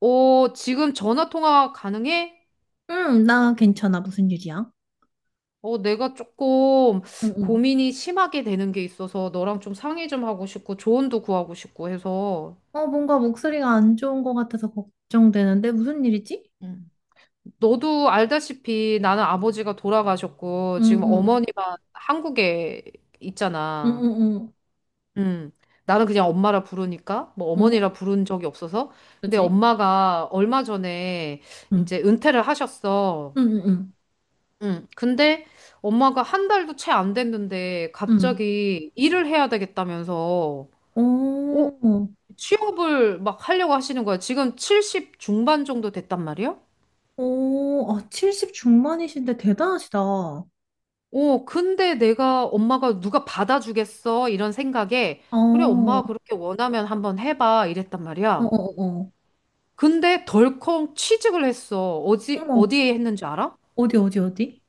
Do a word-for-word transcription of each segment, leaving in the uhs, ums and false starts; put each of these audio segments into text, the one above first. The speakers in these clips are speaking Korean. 어, 지금 전화 통화 가능해? 응, 나 괜찮아. 무슨 일이야? 어, 내가 조금 응, 응. 고민이 심하게 되는 게 있어서 너랑 좀 상의 좀 하고 싶고 조언도 구하고 싶고 해서 어, 뭔가 목소리가 안 좋은 것 같아서 걱정되는데 무슨 일이지? 음. 너도 알다시피 나는 아버지가 돌아가셨고 응, 지금 응, 어머니만 한국에 응, 있잖아. 응, 응, 음. 나는 그냥 엄마라 부르니까 뭐 응, 어머니라 부른 적이 없어서 근데 그지? 엄마가 얼마 전에 응, 이제 은퇴를 하셨어. 응, 응, 응. 응. 근데 엄마가 한 달도 채 안 됐는데 응. 갑자기 일을 해야 되겠다면서 어, 오, 취업을 막 하려고 하시는 거야. 지금 칠십 중반 정도 됐단 말이야? 오, 아, 칠십 중반이신데 대단하시다. 어, 어, 근데 내가 엄마가 누가 받아주겠어? 이런 생각에 그래, 어, 엄마가 그렇게 원하면 한번 해봐. 이랬단 어, 말이야. 어. 어. 근데 덜컹 취직을 했어. 어디, 어머, 어디에 했는지 알아? 어디, 어디, 어디?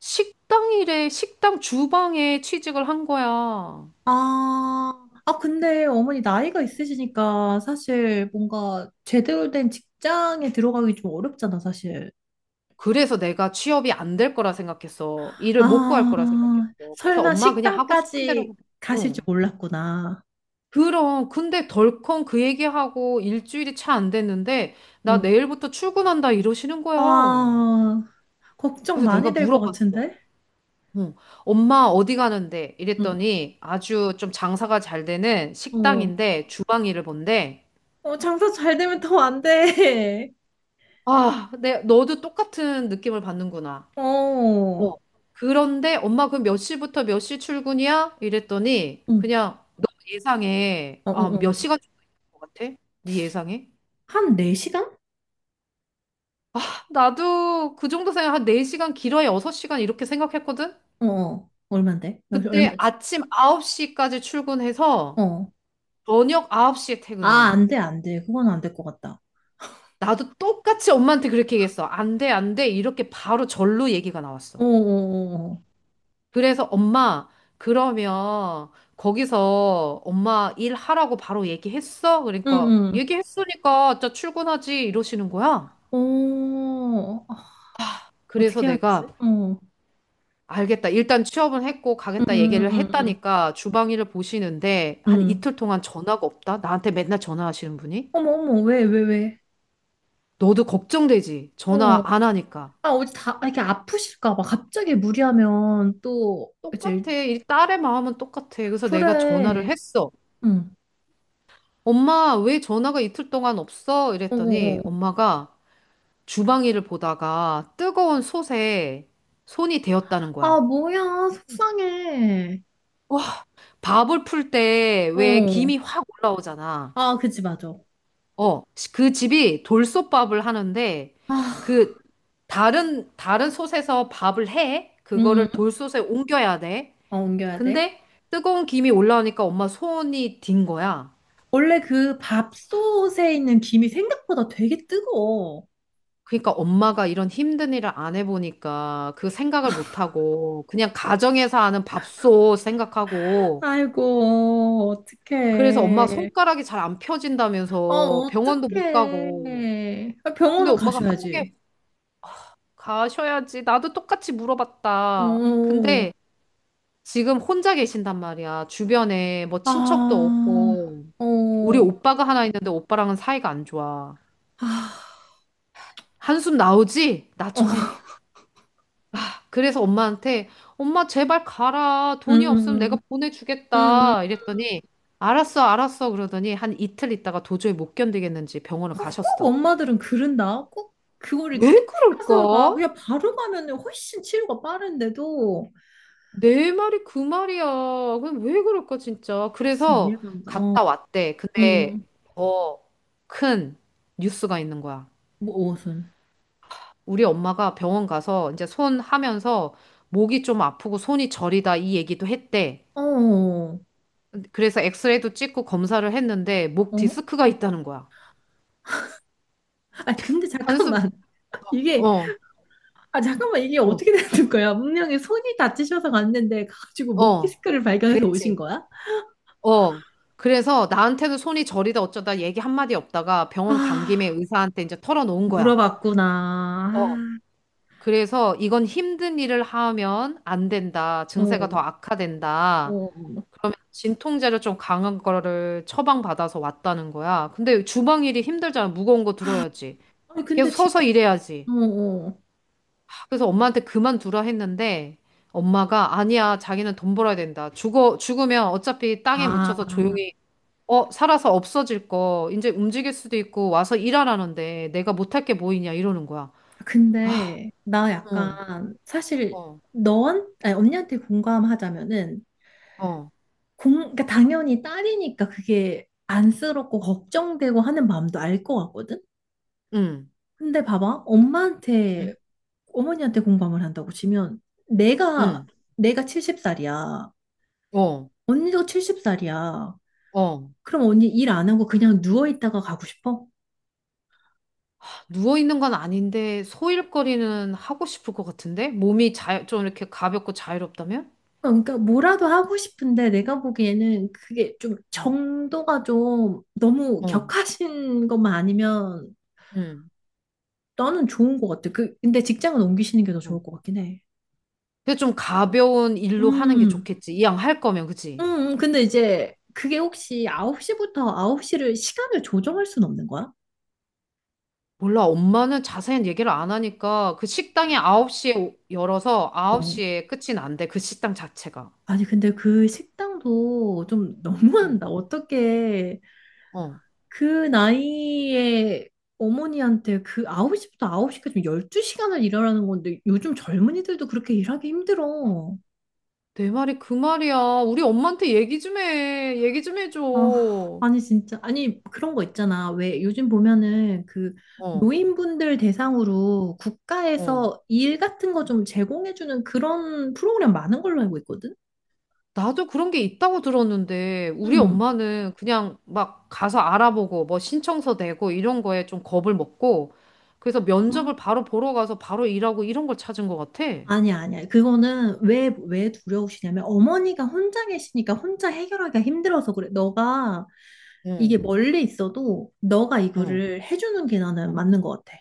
식당 일에, 식당 주방에 취직을 한 거야. 아, 아, 근데 어머니 나이가 있으시니까 사실 뭔가 제대로 된 직장에 들어가기 좀 어렵잖아, 사실. 그래서 내가 취업이 안 될 거라 생각했어. 일을 못 구할 아, 거라 생각했어. 그래서 설마 엄마 그냥 하고 싶은 대로 식당까지 해. 가실 줄 응. 몰랐구나. 그럼 근데 덜컹 그 얘기하고 일주일이 차 안 됐는데 나 응. 내일부터 출근한다 이러시는 거야. 아, 걱정 그래서 내가 많이 될 것 물어봤어. 같은데? 응. 엄마 어디 가는데? 응. 이랬더니 아주 좀 장사가 잘 되는 응, 어, 식당인데 주방 일을 본대. 어, 장사 잘 되면 더 안 돼. 아, 내 너도 똑같은 느낌을 받는구나. 어, 어. 그런데 엄마 그럼 몇 시부터 몇 시 출근이야? 이랬더니 응. 그냥 너 예상해. 어, 어, 아, 어. 몇 시간 줄것 같아? 네 예상해? 한 네 시간? 나도 그 정도 생각 한 네 시간 길어야 여섯 시간 이렇게 생각했거든? 어, 어. 얼만데? 그때 얼마, 아침 아홉 시까지 출근해서 어. 저녁 아홉 시에 아, 퇴근이야. 안 돼, 안 돼. 그건 안 될 것 같다. 나도 똑같이 엄마한테 그렇게 얘기했어. 안 돼, 안 돼. 이렇게 바로 절로 얘기가 어, 나왔어. 어, 어. 어. 그래서 엄마, 그러면 거기서 엄마 일하라고 바로 얘기했어? 그러니까 응, 얘기했으니까 저 출근하지 이러시는 거야. 응. 어, 아, 그래서 어떻게 해야 되지? 내가 어. 응, 알겠다. 일단 취업은 했고 응, 가겠다 얘기를 응, 응. 응. 했다니까 주방 일을 보시는데 응. 한 응. 이틀 동안 전화가 없다. 나한테 맨날 전화하시는 분이. 어머, 어머, 왜, 왜, 왜? 너도 걱정되지. 전화 어. 안 하니까. 아, 어디 다 아, 이렇게 아프실까 봐 갑자기 무리하면 또 이제 똑같아. 이 딸의 마음은 똑같아. 그래서 내가 전화를 그래. 했어. 응. 엄마, 왜 전화가 이틀 동안 없어? 어, 어, 이랬더니 어. 엄마가 주방일을 보다가 뜨거운 솥에 손이 데였다는 아, 거야. 뭐야. 속상해. 밥을 풀 때 왜 어. 김이 확 올라오잖아. 아, 그치 맞아. 어, 그 집이 돌솥밥을 하는데 아. 그 다른 다른 솥에서 밥을 해. 응. 그거를 응. 돌솥에 옮겨야 돼. 어, 옮겨야 돼. 근데 뜨거운 김이 올라오니까 엄마 손이 딘 거야. 원래 그 밥솥에 있는 김이 생각보다 되게 뜨거워. 그러니까 엄마가 이런 힘든 일을 안 해보니까 그 생각을 못하고 그냥 가정에서 하는 밥솥 생각하고 아이고, 그래서 엄마 어떡해. 손가락이 잘 안 아, 펴진다면서 병원도 못 어떡해. 가고. 아, 근데 병원은 엄마가 한국에 가셔야지. 가셔야지. 나도 똑같이 어. 물어봤다. 어, 근데 지금 혼자 계신단 말이야. 주변에 뭐 어. 친척도 아. 없고. 우리 어. 오빠가 하나 있는데 오빠랑은 사이가 안 좋아. 아. 한숨 나오지? 어, 나처럼. 그래서 엄마한테 엄마 제발 가라. 음, 돈이 없으면 음, 내가 음, 음. 음. 보내주겠다. 이랬더니 알았어, 알았어. 그러더니 한 이틀 있다가 도저히 못 견디겠는지 병원을 어, 꼭 가셨어. 엄마들은 그런다. 꼭 그거를 왜 끝에 가서 가. 그럴까? 그냥 바로 가면은 훨씬 치료가 빠른데도. 내 말이 그 말이야. 그럼 왜 그럴까, 진짜. 진짜 그래서 이해가 안 가. 어, 갔다 왔대. 근데 음, 더 큰 뉴스가 있는 거야. 뭐, 무슨. 우리 엄마가 병원 가서 이제 손 하면서 목이 좀 아프고 손이 저리다 이 얘기도 했대. 어, 어. 그래서 엑스레이도 찍고 검사를 했는데 목 어? 디스크가 있다는 거야. 아, 근데 한숨, 잠깐만. 이게, 어, 아, 잠깐만. 이게 어, 어떻게 되는 거야? 문명이 손이 다치셔서 갔는데, 가가지고 목 어. 디스크를 발견해서 오신 그랬지. 거야? 어. 그래서 나한테도 손이 저리다 어쩌다 얘기 한마디 없다가 병원 간 김에 아, 의사한테 이제 털어놓은 거야. 물어봤구나. 어. 그래서 이건 힘든 일을 하면 안 된다. 아, 증세가 어, 더 악화된다. 어. 진통제를 좀 강한 거를 처방받아서 왔다는 거야. 근데 주방일이 힘들잖아. 무거운 거 들어야지. 아니, 계속 근데 진, 서서 일해야지. 어, 어. 그래서 엄마한테 그만두라 했는데 엄마가 아니야. 자기는 돈 벌어야 된다. 죽어, 죽으면 어차피 땅에 아. 묻혀서 조용히 어, 살아서 없어질 거, 이제 움직일 수도 있고, 와서 일하라는데, 내가 못할 게 뭐 있냐 이러는 거야. 아, 근데 나 어, 약간 사실 어, 너한 아니, 언니한테 공감하자면은 어, 공 그러니까 당연히 딸이니까 그게 안쓰럽고 걱정되고 하는 마음도 알 것 같거든. 응, 근데 봐봐 엄마한테 응? 어머니한테 공감을 한다고 치면 내가 응, 내가 칠십 살이야. 어, 언니도 칠십 살이야. 어. 그럼 언니 일 안 하고 그냥 누워 있다가 가고 싶어? 누워있는 건 아닌데, 소일거리는 하고 싶을 것 같은데? 몸이 자, 좀 이렇게 가볍고 자유롭다면? 어, 그러니까 뭐라도 하고 싶은데 내가 보기에는 그게 좀 어, 정도가 좀 너무 어, 격하신 것만 아니면 응, 너는 좋은 것 같아. 그 근데 직장은 옮기시는 게 더 어. 좋을 것 같긴 해. 근데 좀 가벼운 일로 하는 게 음, 좋겠지. 이왕 할 거면, 음, 그치? 음. 근데 이제 그게 혹시 아홉 시부터 아홉 시를 시간을 조정할 순 없는 거야? 몰라, 엄마는 자세한 얘기를 안 하니까, 그 식당이 아홉 시에 열어서 어. 아홉 시에 끝이 난대, 그 식당 자체가. 아니 근데 그 식당도 좀 어. 너무한다. 어떻게 어, 그 나이에 어머니한테 그 아홉 시부터 아홉 시까지 열두 시간을 일하라는 건데 요즘 젊은이들도 그렇게 일하기 힘들어. 내 말이 그 말이야. 우리 엄마한테 얘기 좀 해. 얘기 좀 해줘. 아, 어, 아니 진짜. 아니 그런 거 있잖아. 왜 요즘 보면은 그 노인분들 대상으로 어. 국가에서 일 같은 거 좀 제공해주는 그런 프로그램 많은 걸로 알고 있거든. 나도 그런 게 있다고 들었는데, 우리 응. 엄마는 그냥 막 가서 알아보고, 뭐 신청서 내고, 이런 거에 좀 겁을 먹고, 그래서 면접을 바로 보러 가서 바로 일하고 이런 걸 찾은 것 같아. 아니야, 아니야. 그거는 왜, 왜 두려우시냐면 어머니가 혼자 계시니까 혼자 해결하기가 힘들어서 그래. 너가 이게 응, 멀리 있어도 너가 응. 이거를 해주는 게 나는 맞는 것 같아.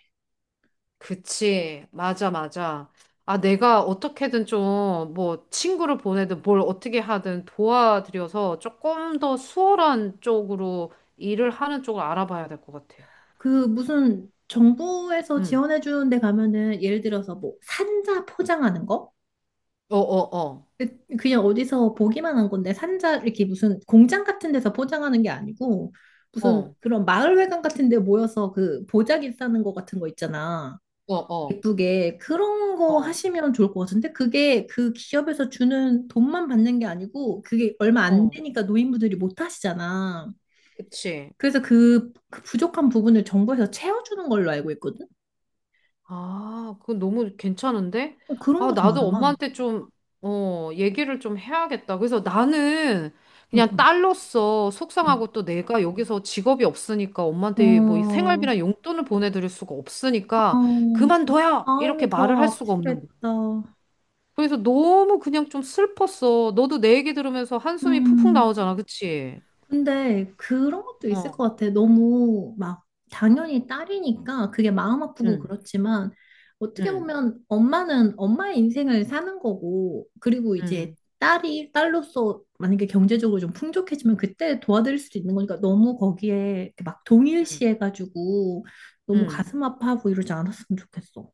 그치. 맞아, 맞아. 아, 내가 어떻게든 좀, 뭐, 친구를 보내든 뭘 어떻게 하든 도와드려서 조금 더 수월한 쪽으로 일을 하는 쪽을 알아봐야 될 것 같아. 그 무슨 정부에서 응. 지원해 주는 데 가면은 예를 들어서 뭐 산자 포장하는 거? 어, 어, 어. 그- 그냥 어디서 보기만 한 건데 산자 이렇게 무슨 공장 같은 데서 포장하는 게 아니고 무슨 어, 그런 마을회관 같은 데 모여서 그 보자기 싸는 거 같은 거 있잖아. 어, 어. 예쁘게 그런 거 어, 하시면 좋을 것 같은데 그게 그 기업에서 주는 돈만 받는 게 아니고 그게 얼마 안 어. 되니까 노인분들이 못 하시잖아. 그치. 그래서 그, 그 부족한 부분을 정부에서 채워주는 걸로 알고 있거든. 아, 그건 너무 괜찮은데? 어, 그런 아, 거 좀 나도 알아봐. 엄마한테 좀, 어, 얘기를 좀 해야겠다. 그래서 나는 응, 그냥 응, 딸로서 응. 속상하고 또 내가 여기서 직업이 없으니까 엄마한테 뭐이 어, 생활비나 용돈을 보내드릴 수가 어, 없으니까 그만둬요! 이렇게 마음이 말을 더 할 수가 없는 거야. 아프겠다. 그래서 너무 그냥 좀 슬펐어. 너도 내 얘기 들으면서 한숨이 푹푹 음. 나오잖아. 그치? 근데 그런 것도 있을 어, 것 같아. 너무 막 당연히 딸이니까 그게 마음 아프고 응, 그렇지만 어떻게 응, 보면 엄마는 엄마의 인생을 사는 거고 그리고 이제 응, 딸이 딸로서 만약에 경제적으로 좀 풍족해지면 그때 도와드릴 수도 있는 거니까 너무 거기에 이렇게 막 응, 동일시해가지고 너무 응. 가슴 아파하고 이러지 않았으면 좋겠어.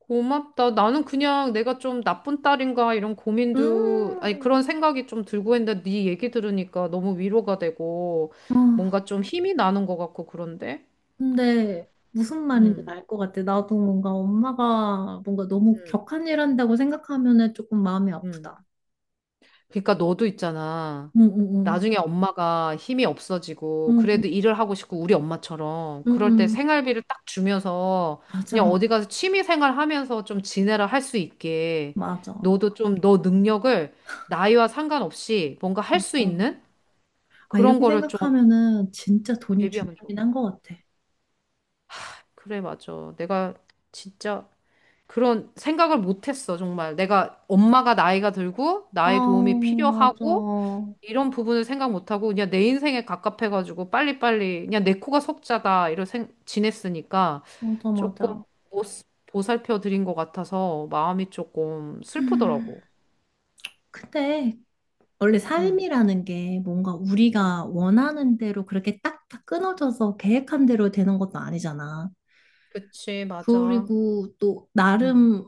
고맙다. 나는 그냥 내가 좀 나쁜 딸인가 이런 고민도, 아니 음. 그런 생각이 좀 들고 했는데 네 얘기 들으니까 너무 위로가 되고 뭔가 좀 힘이 나는 것 같고 그런데? 근데 무슨 말인지 음, 알 것 같아. 나도 뭔가 음, 엄마가 뭔가 너무 음. 격한 일 한다고 생각하면은 조금 마음이 음. 아프다. 그러니까 너도 있잖아. 응응응. 나중에 엄마가 힘이 없어지고 그래도 일을 하고 싶고 우리 엄마처럼 그럴 응응응. 때 생활비를 딱 주면서 그냥 맞아. 어디 가서 취미 생활 하면서 좀 지내라 할 수 있게 맞아. 너도 좀 너 능력을 나이와 상관없이 뭔가 할 수 맞아. 있는 아, 그런 이렇게 거를 좀 생각하면은 진짜 돈이 대비하면 좋아. 중요하긴 한 것 같아. 그래, 맞아. 내가 진짜 그런 생각을 못 했어, 정말. 내가 엄마가 나이가 들고 아, 나의 도움이 필요하고 맞아. 이런 부분을 생각 못하고 그냥 내 인생에 갑갑해가지고 빨리빨리 그냥 내 코가 석자다 이런 생 지냈으니까 맞아, 조금 맞아. 못 보살펴 드린 것 같아서 마음이 조금 음, 슬프더라고. 근데 원래 응, 삶이라는 게 뭔가 응, 우리가 원하는 대로 그렇게 딱딱 끊어져서 계획한 대로 되는 것도 아니잖아. 그치, 맞아. 그리고 또 응, 나름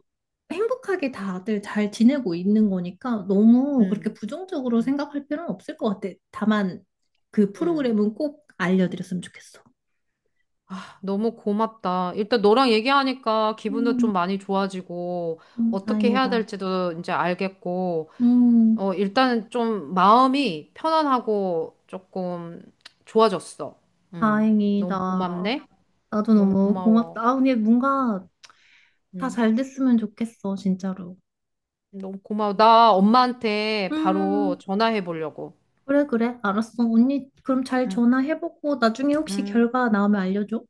행복하게 다들 잘 지내고 있는 거니까 너무 그렇게 응, 부정적으로 응, 생각할 필요는 없을 것 같아. 다만 그 응. 프로그램은 꼭 알려드렸으면 좋겠어. 너무 고맙다. 일단 너랑 얘기하니까 기분도 음, 좀 많이 좋아지고 음, 어떻게 해야 다행이다. 될지도 이제 알겠고 음, 어, 일단은 좀 마음이 편안하고 조금 좋아졌어. 음 너무 다행이다. 고맙네. 나도 너무 너무 고마워. 고맙다. 아, 근데 뭔가 다 음 잘 됐으면 좋겠어, 진짜로. 너무 고마워. 나 엄마한테 바로 음, 전화해 보려고. 그래, 그래. 알았어. 언니, 그럼 잘 음 전화해보고 나중에 혹시 음 결과 나오면 알려줘.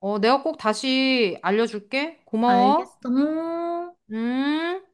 어, 내가 꼭 다시 알려줄게. 고마워. 알겠어. 음. 음.